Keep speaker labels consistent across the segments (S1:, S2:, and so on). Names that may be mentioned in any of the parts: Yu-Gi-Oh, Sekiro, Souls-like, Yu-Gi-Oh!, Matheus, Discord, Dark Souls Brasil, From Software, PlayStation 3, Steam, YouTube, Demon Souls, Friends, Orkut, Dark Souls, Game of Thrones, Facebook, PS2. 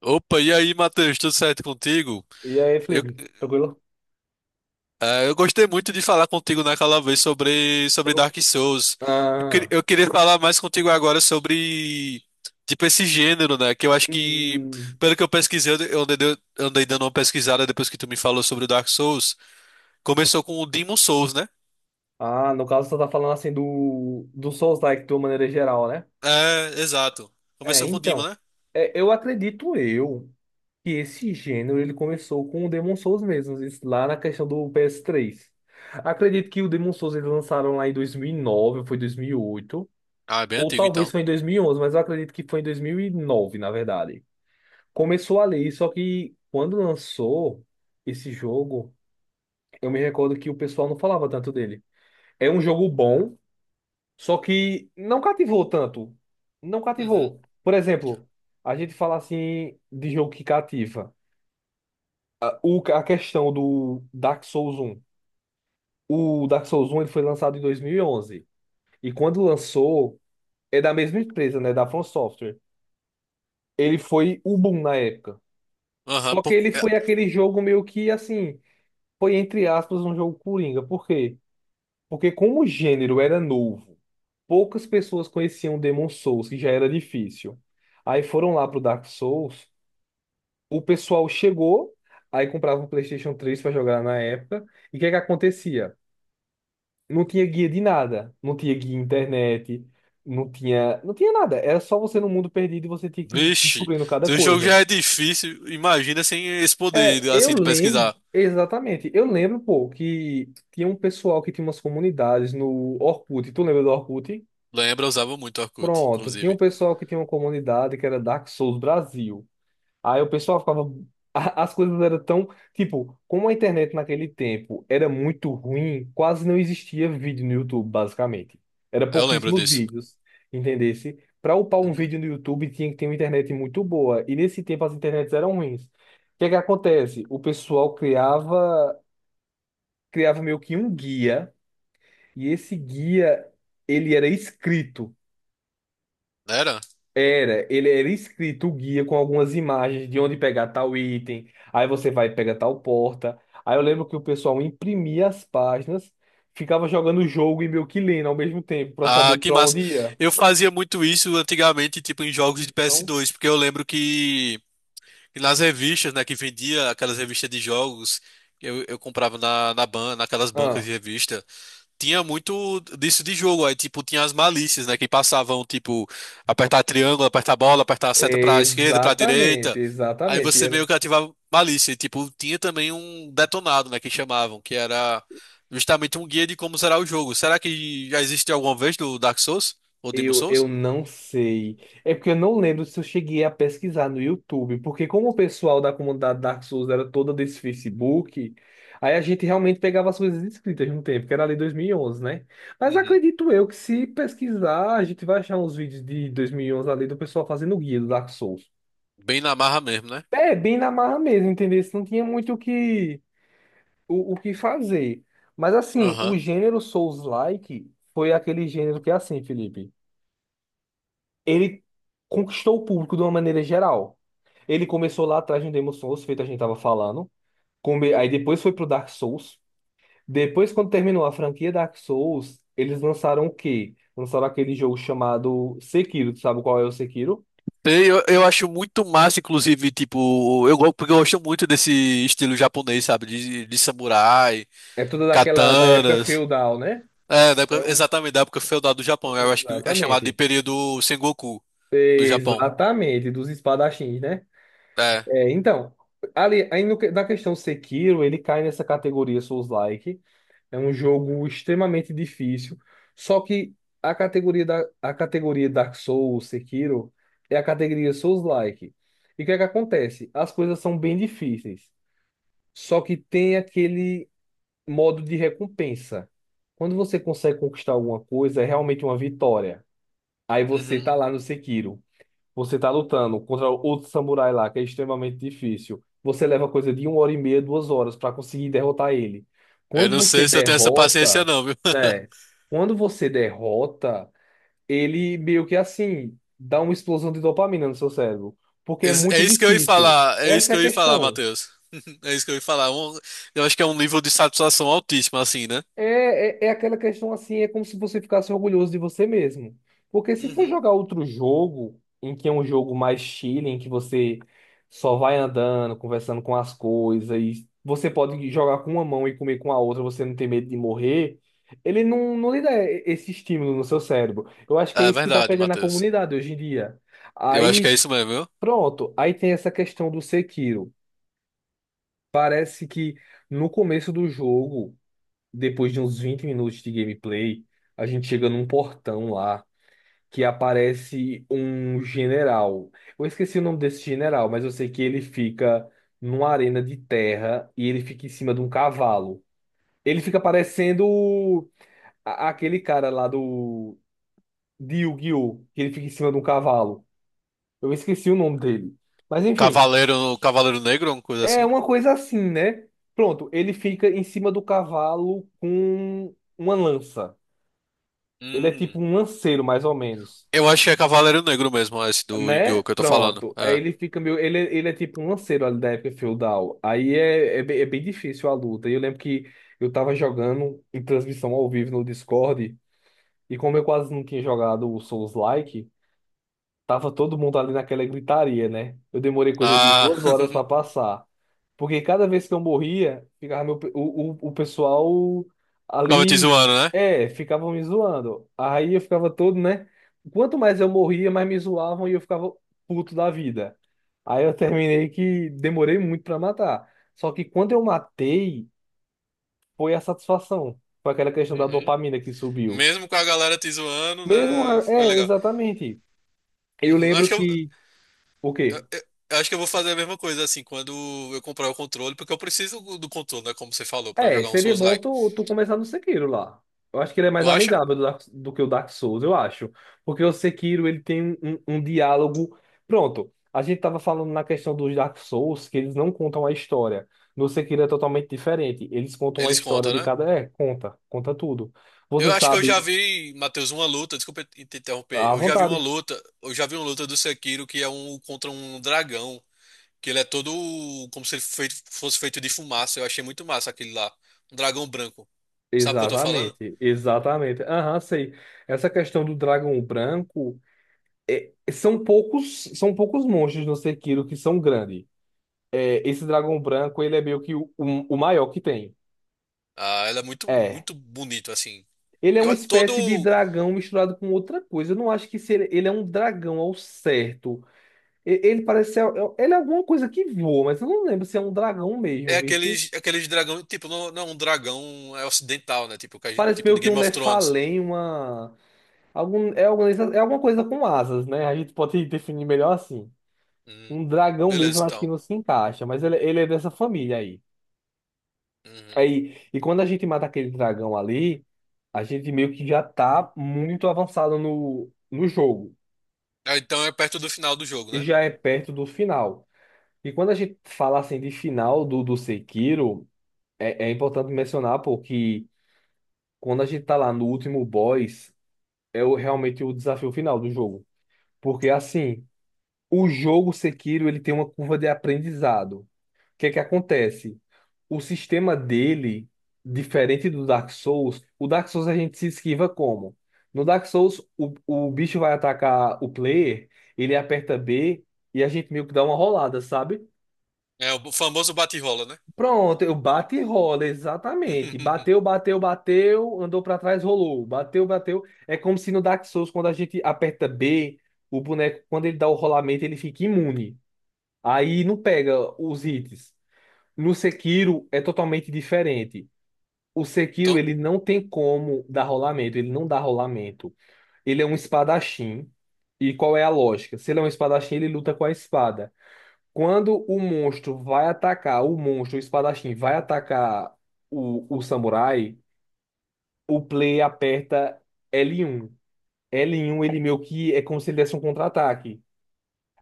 S1: Opa, e aí, Matheus, tudo certo contigo?
S2: E aí,
S1: Eu,
S2: Felipe, tranquilo?
S1: eu gostei muito de falar contigo naquela vez sobre
S2: Tranquilo?
S1: Dark Souls.
S2: Ah,
S1: Eu queria falar mais contigo agora sobre, tipo, esse gênero, né? Que eu acho que,
S2: hum.
S1: pelo que eu pesquisei, eu andei, andei dando uma pesquisada depois que tu me falou sobre o Dark Souls. Começou com o Demon Souls, né?
S2: Ah, no caso, você tá falando assim do Souls-like de uma maneira geral, né?
S1: É, exato.
S2: É,
S1: Começou com o Demon,
S2: então.
S1: né?
S2: É, eu acredito eu que esse gênero ele começou com o Demon Souls mesmo, isso lá na questão do PS3. Acredito que o Demon Souls eles lançaram lá em 2009, ou foi 2008,
S1: Ah, é bem
S2: ou
S1: antigo,
S2: talvez
S1: então.
S2: foi em 2011, mas eu acredito que foi em 2009, na verdade. Começou ali, só que quando lançou esse jogo, eu me recordo que o pessoal não falava tanto dele. É um jogo bom, só que não cativou tanto. Não
S1: Uhum.
S2: cativou. Por exemplo, a gente fala assim de jogo que cativa. A, o- a questão do Dark Souls um O Dark Souls um ele foi lançado em 2011. E onze. E quando lançou, é da mesma empresa, né? Da From Software. Ele foi o boom na época.
S1: Aham,
S2: Só que ele
S1: é,
S2: foi aquele jogo meio que assim. Foi entre aspas um jogo coringa. Por quê? Porque como o gênero era novo, poucas pessoas conheciam Demon Souls, que já era difícil. Aí foram lá pro Dark Souls, o pessoal chegou, aí comprava um PlayStation 3 para jogar na época, e o que é que acontecia? Não tinha guia de nada, não tinha guia internet, não tinha nada, era só você no mundo perdido e você tinha que ir
S1: vixe,
S2: descobrindo cada
S1: se o jogo
S2: coisa.
S1: já é difícil, imagina sem esse
S2: É,
S1: poder,
S2: eu
S1: assim, de
S2: lembro,
S1: pesquisar.
S2: exatamente, eu lembro, pô, que tinha um pessoal que tinha umas comunidades no Orkut, tu lembra do Orkut?
S1: Lembra, eu usava muito o Orkut,
S2: Pronto, tinha um
S1: inclusive.
S2: pessoal que tinha uma comunidade que era Dark Souls Brasil. Aí o pessoal ficava. As coisas eram tão. Tipo, como a internet naquele tempo era muito ruim, quase não existia vídeo no YouTube, basicamente. Era
S1: Eu lembro
S2: pouquíssimos
S1: disso.
S2: vídeos, entendesse? Para upar um
S1: Uhum.
S2: vídeo no YouTube tinha que ter uma internet muito boa. E nesse tempo as internets eram ruins. O que é que acontece? O pessoal criava, meio que um guia, e esse guia ele era escrito.
S1: Era?
S2: Era, ele era escrito o guia com algumas imagens de onde pegar tal item, aí você vai pegar tal porta. Aí eu lembro que o pessoal imprimia as páginas, ficava jogando o jogo e meio que lendo ao mesmo tempo para
S1: Ah,
S2: saber
S1: que
S2: para
S1: massa.
S2: onde ia.
S1: Eu fazia muito isso antigamente, tipo, em jogos de
S2: Então,
S1: PS2, porque eu lembro que nas revistas, né, que vendia aquelas revistas de jogos, eu comprava naquelas bancas
S2: ah,
S1: de revista. Tinha muito disso de jogo. Aí, tipo, tinha as malícias, né? Que passavam, tipo, apertar triângulo, apertar bola, apertar a seta pra esquerda, pra
S2: exatamente,
S1: direita. Aí
S2: exatamente. E
S1: você meio
S2: era.
S1: que ativava malícia. E, tipo, tinha também um detonado, né? Que chamavam, que era justamente um guia de como será o jogo. Será que já existe alguma vez do Dark Souls? Ou Demon
S2: Eu
S1: Souls?
S2: não sei. É porque eu não lembro se eu cheguei a pesquisar no YouTube, porque como o pessoal da comunidade Dark Souls era toda desse Facebook, aí a gente realmente pegava as coisas escritas de um tempo, que era ali 2011, né? Mas
S1: Uhum.
S2: acredito eu que se pesquisar, a gente vai achar uns vídeos de 2011 ali do pessoal fazendo guia do Dark Souls.
S1: Bem na marra mesmo, né?
S2: É, bem na marra mesmo, entendeu? Isso. Não tinha muito o que, o que fazer. Mas assim, o
S1: Aham.
S2: gênero Souls-like foi aquele gênero que é assim, Felipe, ele conquistou o público de uma maneira geral. Ele começou lá atrás no Demon Souls, feito a gente tava falando. Aí depois foi pro Dark Souls. Depois, quando terminou a franquia Dark Souls, eles lançaram o quê? Lançaram aquele jogo chamado Sekiro. Tu sabe qual é o Sekiro?
S1: Sei, eu acho muito massa, inclusive, tipo, porque eu gosto muito desse estilo japonês, sabe? De, samurai,
S2: É toda daquela da época
S1: katanas.
S2: feudal, né?
S1: É,
S2: É o
S1: exatamente, da época feudal do Japão. Eu acho que é chamado de
S2: Exatamente.
S1: período Sengoku do Japão.
S2: Exatamente, dos espadachins, né?
S1: É.
S2: É, então, ali, aí no, que- na questão Sekiro, ele cai nessa categoria Souls-like. É um jogo extremamente difícil. Só que a categoria Dark Souls, Sekiro, é a categoria Souls-like. E o que é que acontece? As coisas são bem difíceis. Só que tem aquele modo de recompensa. Quando você consegue conquistar alguma coisa, é realmente uma vitória. Aí você
S1: Uhum.
S2: tá lá no Sekiro. Você tá lutando contra outro samurai lá, que é extremamente difícil. Você leva coisa de uma hora e meia, 2 horas para conseguir derrotar ele.
S1: Eu
S2: Quando
S1: não
S2: você
S1: sei se eu tenho essa paciência,
S2: derrota,
S1: não, viu?
S2: né? Quando você derrota, ele meio que assim dá uma explosão de dopamina no seu cérebro, porque é
S1: É
S2: muito
S1: isso que eu ia
S2: difícil.
S1: falar, é isso
S2: Essa
S1: que
S2: é a
S1: eu ia falar,
S2: questão.
S1: Matheus. É isso que eu ia falar. Eu acho que é um nível de satisfação altíssimo, assim, né?
S2: É aquela questão assim, é como se você ficasse orgulhoso de você mesmo. Porque se for
S1: Uhum.
S2: jogar outro jogo, em que é um jogo mais chill, em que você só vai andando, conversando com as coisas, e você pode jogar com uma mão e comer com a outra, você não tem medo de morrer, ele não, não lhe dá esse estímulo no seu cérebro. Eu acho que é
S1: É
S2: isso que tá
S1: verdade,
S2: pegando a
S1: Matheus.
S2: comunidade hoje em dia.
S1: Eu acho que
S2: Aí,
S1: é isso mesmo, viu?
S2: pronto, aí tem essa questão do Sekiro. Parece que no começo do jogo, depois de uns 20 minutos de gameplay, a gente chega num portão lá que aparece um general. Eu esqueci o nome desse general, mas eu sei que ele fica numa arena de terra e ele fica em cima de um cavalo. Ele fica parecendo aquele cara lá do de Yu-Gi-Oh! Que ele fica em cima de um cavalo. Eu esqueci o nome dele. Mas enfim,
S1: Cavaleiro, Cavaleiro Negro, uma coisa
S2: é
S1: assim.
S2: uma coisa assim, né? Pronto, ele fica em cima do cavalo com uma lança. Ele é tipo
S1: Hum.
S2: um lanceiro, mais ou menos.
S1: Eu acho que é Cavaleiro Negro mesmo, esse do
S2: Né?
S1: Yu-Gi-Oh! Que eu tô falando.
S2: Pronto. Aí
S1: É.
S2: ele fica meio. Ele é tipo um lanceiro ali da época feudal. Aí bem difícil a luta. E eu lembro que eu tava jogando em transmissão ao vivo no Discord. E como eu quase não tinha jogado o Souls-like, tava todo mundo ali naquela gritaria, né? Eu demorei coisa de
S1: Ah,
S2: 2 horas para passar. Porque cada vez que eu morria, ficava o pessoal
S1: ficava te
S2: ali,
S1: zoando, né?
S2: ficavam me zoando. Aí eu ficava todo, né? Quanto mais eu morria, mais me zoavam e eu ficava puto da vida. Aí eu terminei que demorei muito para matar. Só que quando eu matei, foi a satisfação. Foi aquela questão da
S1: Uhum.
S2: dopamina que subiu.
S1: Mesmo com a galera te zoando, né?
S2: Mesmo,
S1: Foi
S2: é,
S1: legal.
S2: exatamente. Eu
S1: Uhum, acho
S2: lembro
S1: que
S2: que, o
S1: eu-
S2: quê?
S1: eu acho que eu vou fazer a mesma coisa, assim, quando eu comprar o controle, porque eu preciso do controle, né? Como você falou, pra
S2: É,
S1: jogar um
S2: seria bom
S1: Souls-like.
S2: tu começar no Sekiro lá. Eu acho que ele é mais
S1: Tu acha?
S2: amigável do que o Dark Souls, eu acho. Porque o Sekiro, ele tem um diálogo... Pronto, a gente tava falando na questão dos Dark Souls, que eles não contam a história. No Sekiro é totalmente diferente. Eles contam a
S1: Eles
S2: história
S1: contam,
S2: de
S1: né?
S2: cada... É, conta. Conta tudo. Você
S1: Eu acho que eu já
S2: sabe.
S1: vi, Matheus, uma luta, desculpa te interromper.
S2: À
S1: Eu já vi uma
S2: vontade.
S1: luta, eu já vi uma luta do Sekiro que é um contra um dragão, que ele é todo como se ele fosse feito de fumaça. Eu achei muito massa aquele lá. Um dragão branco. Sabe o que eu tô falando?
S2: Exatamente, exatamente. Aham, sei. Essa questão do dragão branco... são poucos monstros no Sekiro que são grandes. É, esse dragão branco, ele é meio que o maior que tem.
S1: Ah, ela é muito,
S2: É.
S1: muito bonito, assim.
S2: Ele é uma
S1: Eu, todo
S2: espécie de dragão misturado com outra coisa. Eu não acho que se ele, ele é um dragão ao certo. Ele parece ser, ele é alguma coisa que voa, mas eu não lembro se é um dragão
S1: É
S2: mesmo, viste?
S1: aqueles, aqueles dragão, tipo, não, não é um dragão, é ocidental, né? Tipo,
S2: Parece
S1: tipo de
S2: meio que um
S1: Game of Thrones.
S2: Nephalém, uma algum é alguma coisa com asas, né? A gente pode definir melhor assim.
S1: Hum,
S2: Um dragão mesmo,
S1: beleza,
S2: eu acho que
S1: então.
S2: não se encaixa, mas ele é dessa família aí.
S1: Uhum.
S2: Aí, e quando a gente mata aquele dragão ali, a gente meio que já tá muito avançado no jogo.
S1: Ah, então é perto do final do jogo,
S2: E
S1: né?
S2: já é perto do final. E quando a gente fala assim de final do Sekiro, é importante mencionar, porque quando a gente tá lá no último boss, é realmente o desafio final do jogo. Porque assim, o jogo Sekiro, ele tem uma curva de aprendizado. O que é que acontece? O sistema dele, diferente do Dark Souls, o Dark Souls a gente se esquiva como? No Dark Souls, o bicho vai atacar o player, ele aperta B e a gente meio que dá uma rolada, sabe?
S1: É o famoso bate-rola, né?
S2: Pronto, eu bate e rola, exatamente. Bateu, bateu, bateu, andou pra trás, rolou. Bateu, bateu. É como se no Dark Souls, quando a gente aperta B, o boneco, quando ele dá o rolamento, ele fica imune. Aí não pega os hits. No Sekiro é totalmente diferente. O Sekiro
S1: Então,
S2: ele não tem como dar rolamento, ele não dá rolamento. Ele é um espadachim. E qual é a lógica? Se ele é um espadachim, ele luta com a espada. Quando o monstro vai atacar, o monstro, o espadachim, vai atacar o samurai, o player aperta L1. L1 ele meio que é como se ele desse um contra-ataque.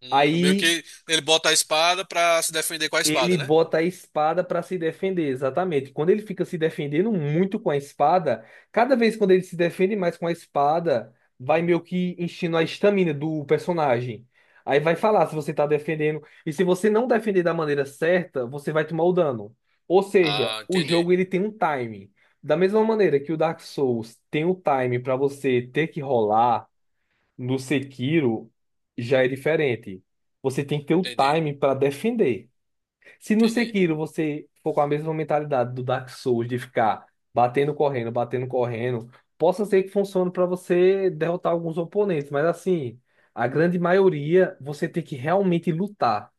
S1: meio
S2: Aí
S1: que ele bota a espada pra se defender com a espada,
S2: ele
S1: né?
S2: bota a espada para se defender, exatamente. Quando ele fica se defendendo muito com a espada, cada vez quando ele se defende mais com a espada, vai meio que enchendo a estamina do personagem. Aí vai falar se você tá defendendo. E se você não defender da maneira certa, você vai tomar o dano. Ou seja,
S1: Ah,
S2: o
S1: entendi,
S2: jogo ele tem um time. Da mesma maneira que o Dark Souls tem um time para você ter que rolar, no Sekiro já é diferente. Você tem que ter o
S1: entendi,
S2: time para defender. Se no
S1: entendi.
S2: Sekiro você for com a mesma mentalidade do Dark Souls de ficar batendo, correndo, possa ser que funcione para você derrotar alguns oponentes, mas assim, a grande maioria você tem que realmente lutar.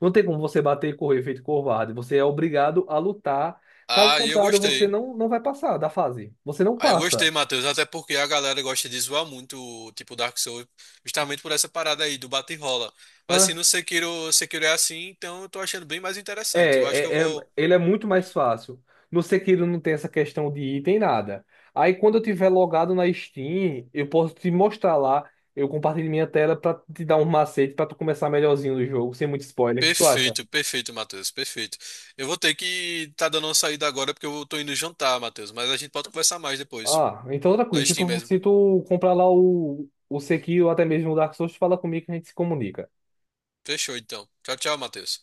S2: Não tem como você bater e correr feito covarde, você é obrigado a lutar. Caso
S1: Ah, e eu
S2: contrário, você
S1: gostei.
S2: não, não vai passar da fase. Você não
S1: Aí eu
S2: passa,
S1: gostei, Matheus, até porque a galera gosta de zoar muito, tipo, Dark Souls, justamente por essa parada aí do bate e rola. Mas se
S2: né?
S1: no Sekiro, Sekiro é assim, então eu tô achando bem mais interessante. Eu acho que eu
S2: É, é, é-
S1: vou.
S2: ele é muito mais fácil. No Sekiro não tem essa questão de item, nada. Aí quando eu tiver logado na Steam, eu posso te mostrar lá. Eu compartilho minha tela pra te dar um macete pra tu começar melhorzinho no jogo, sem muito spoiler. O que tu acha?
S1: Perfeito, perfeito, Matheus, perfeito. Eu vou ter que tá dando uma saída agora porque eu tô indo jantar, Matheus, mas a gente pode conversar mais depois,
S2: Ah, então outra
S1: na
S2: coisa. Se
S1: Steam
S2: tu,
S1: mesmo.
S2: se tu comprar lá o Sekiro ou até mesmo o Dark Souls, fala comigo que a gente se comunica.
S1: Fechou, então. Tchau, tchau, Matheus.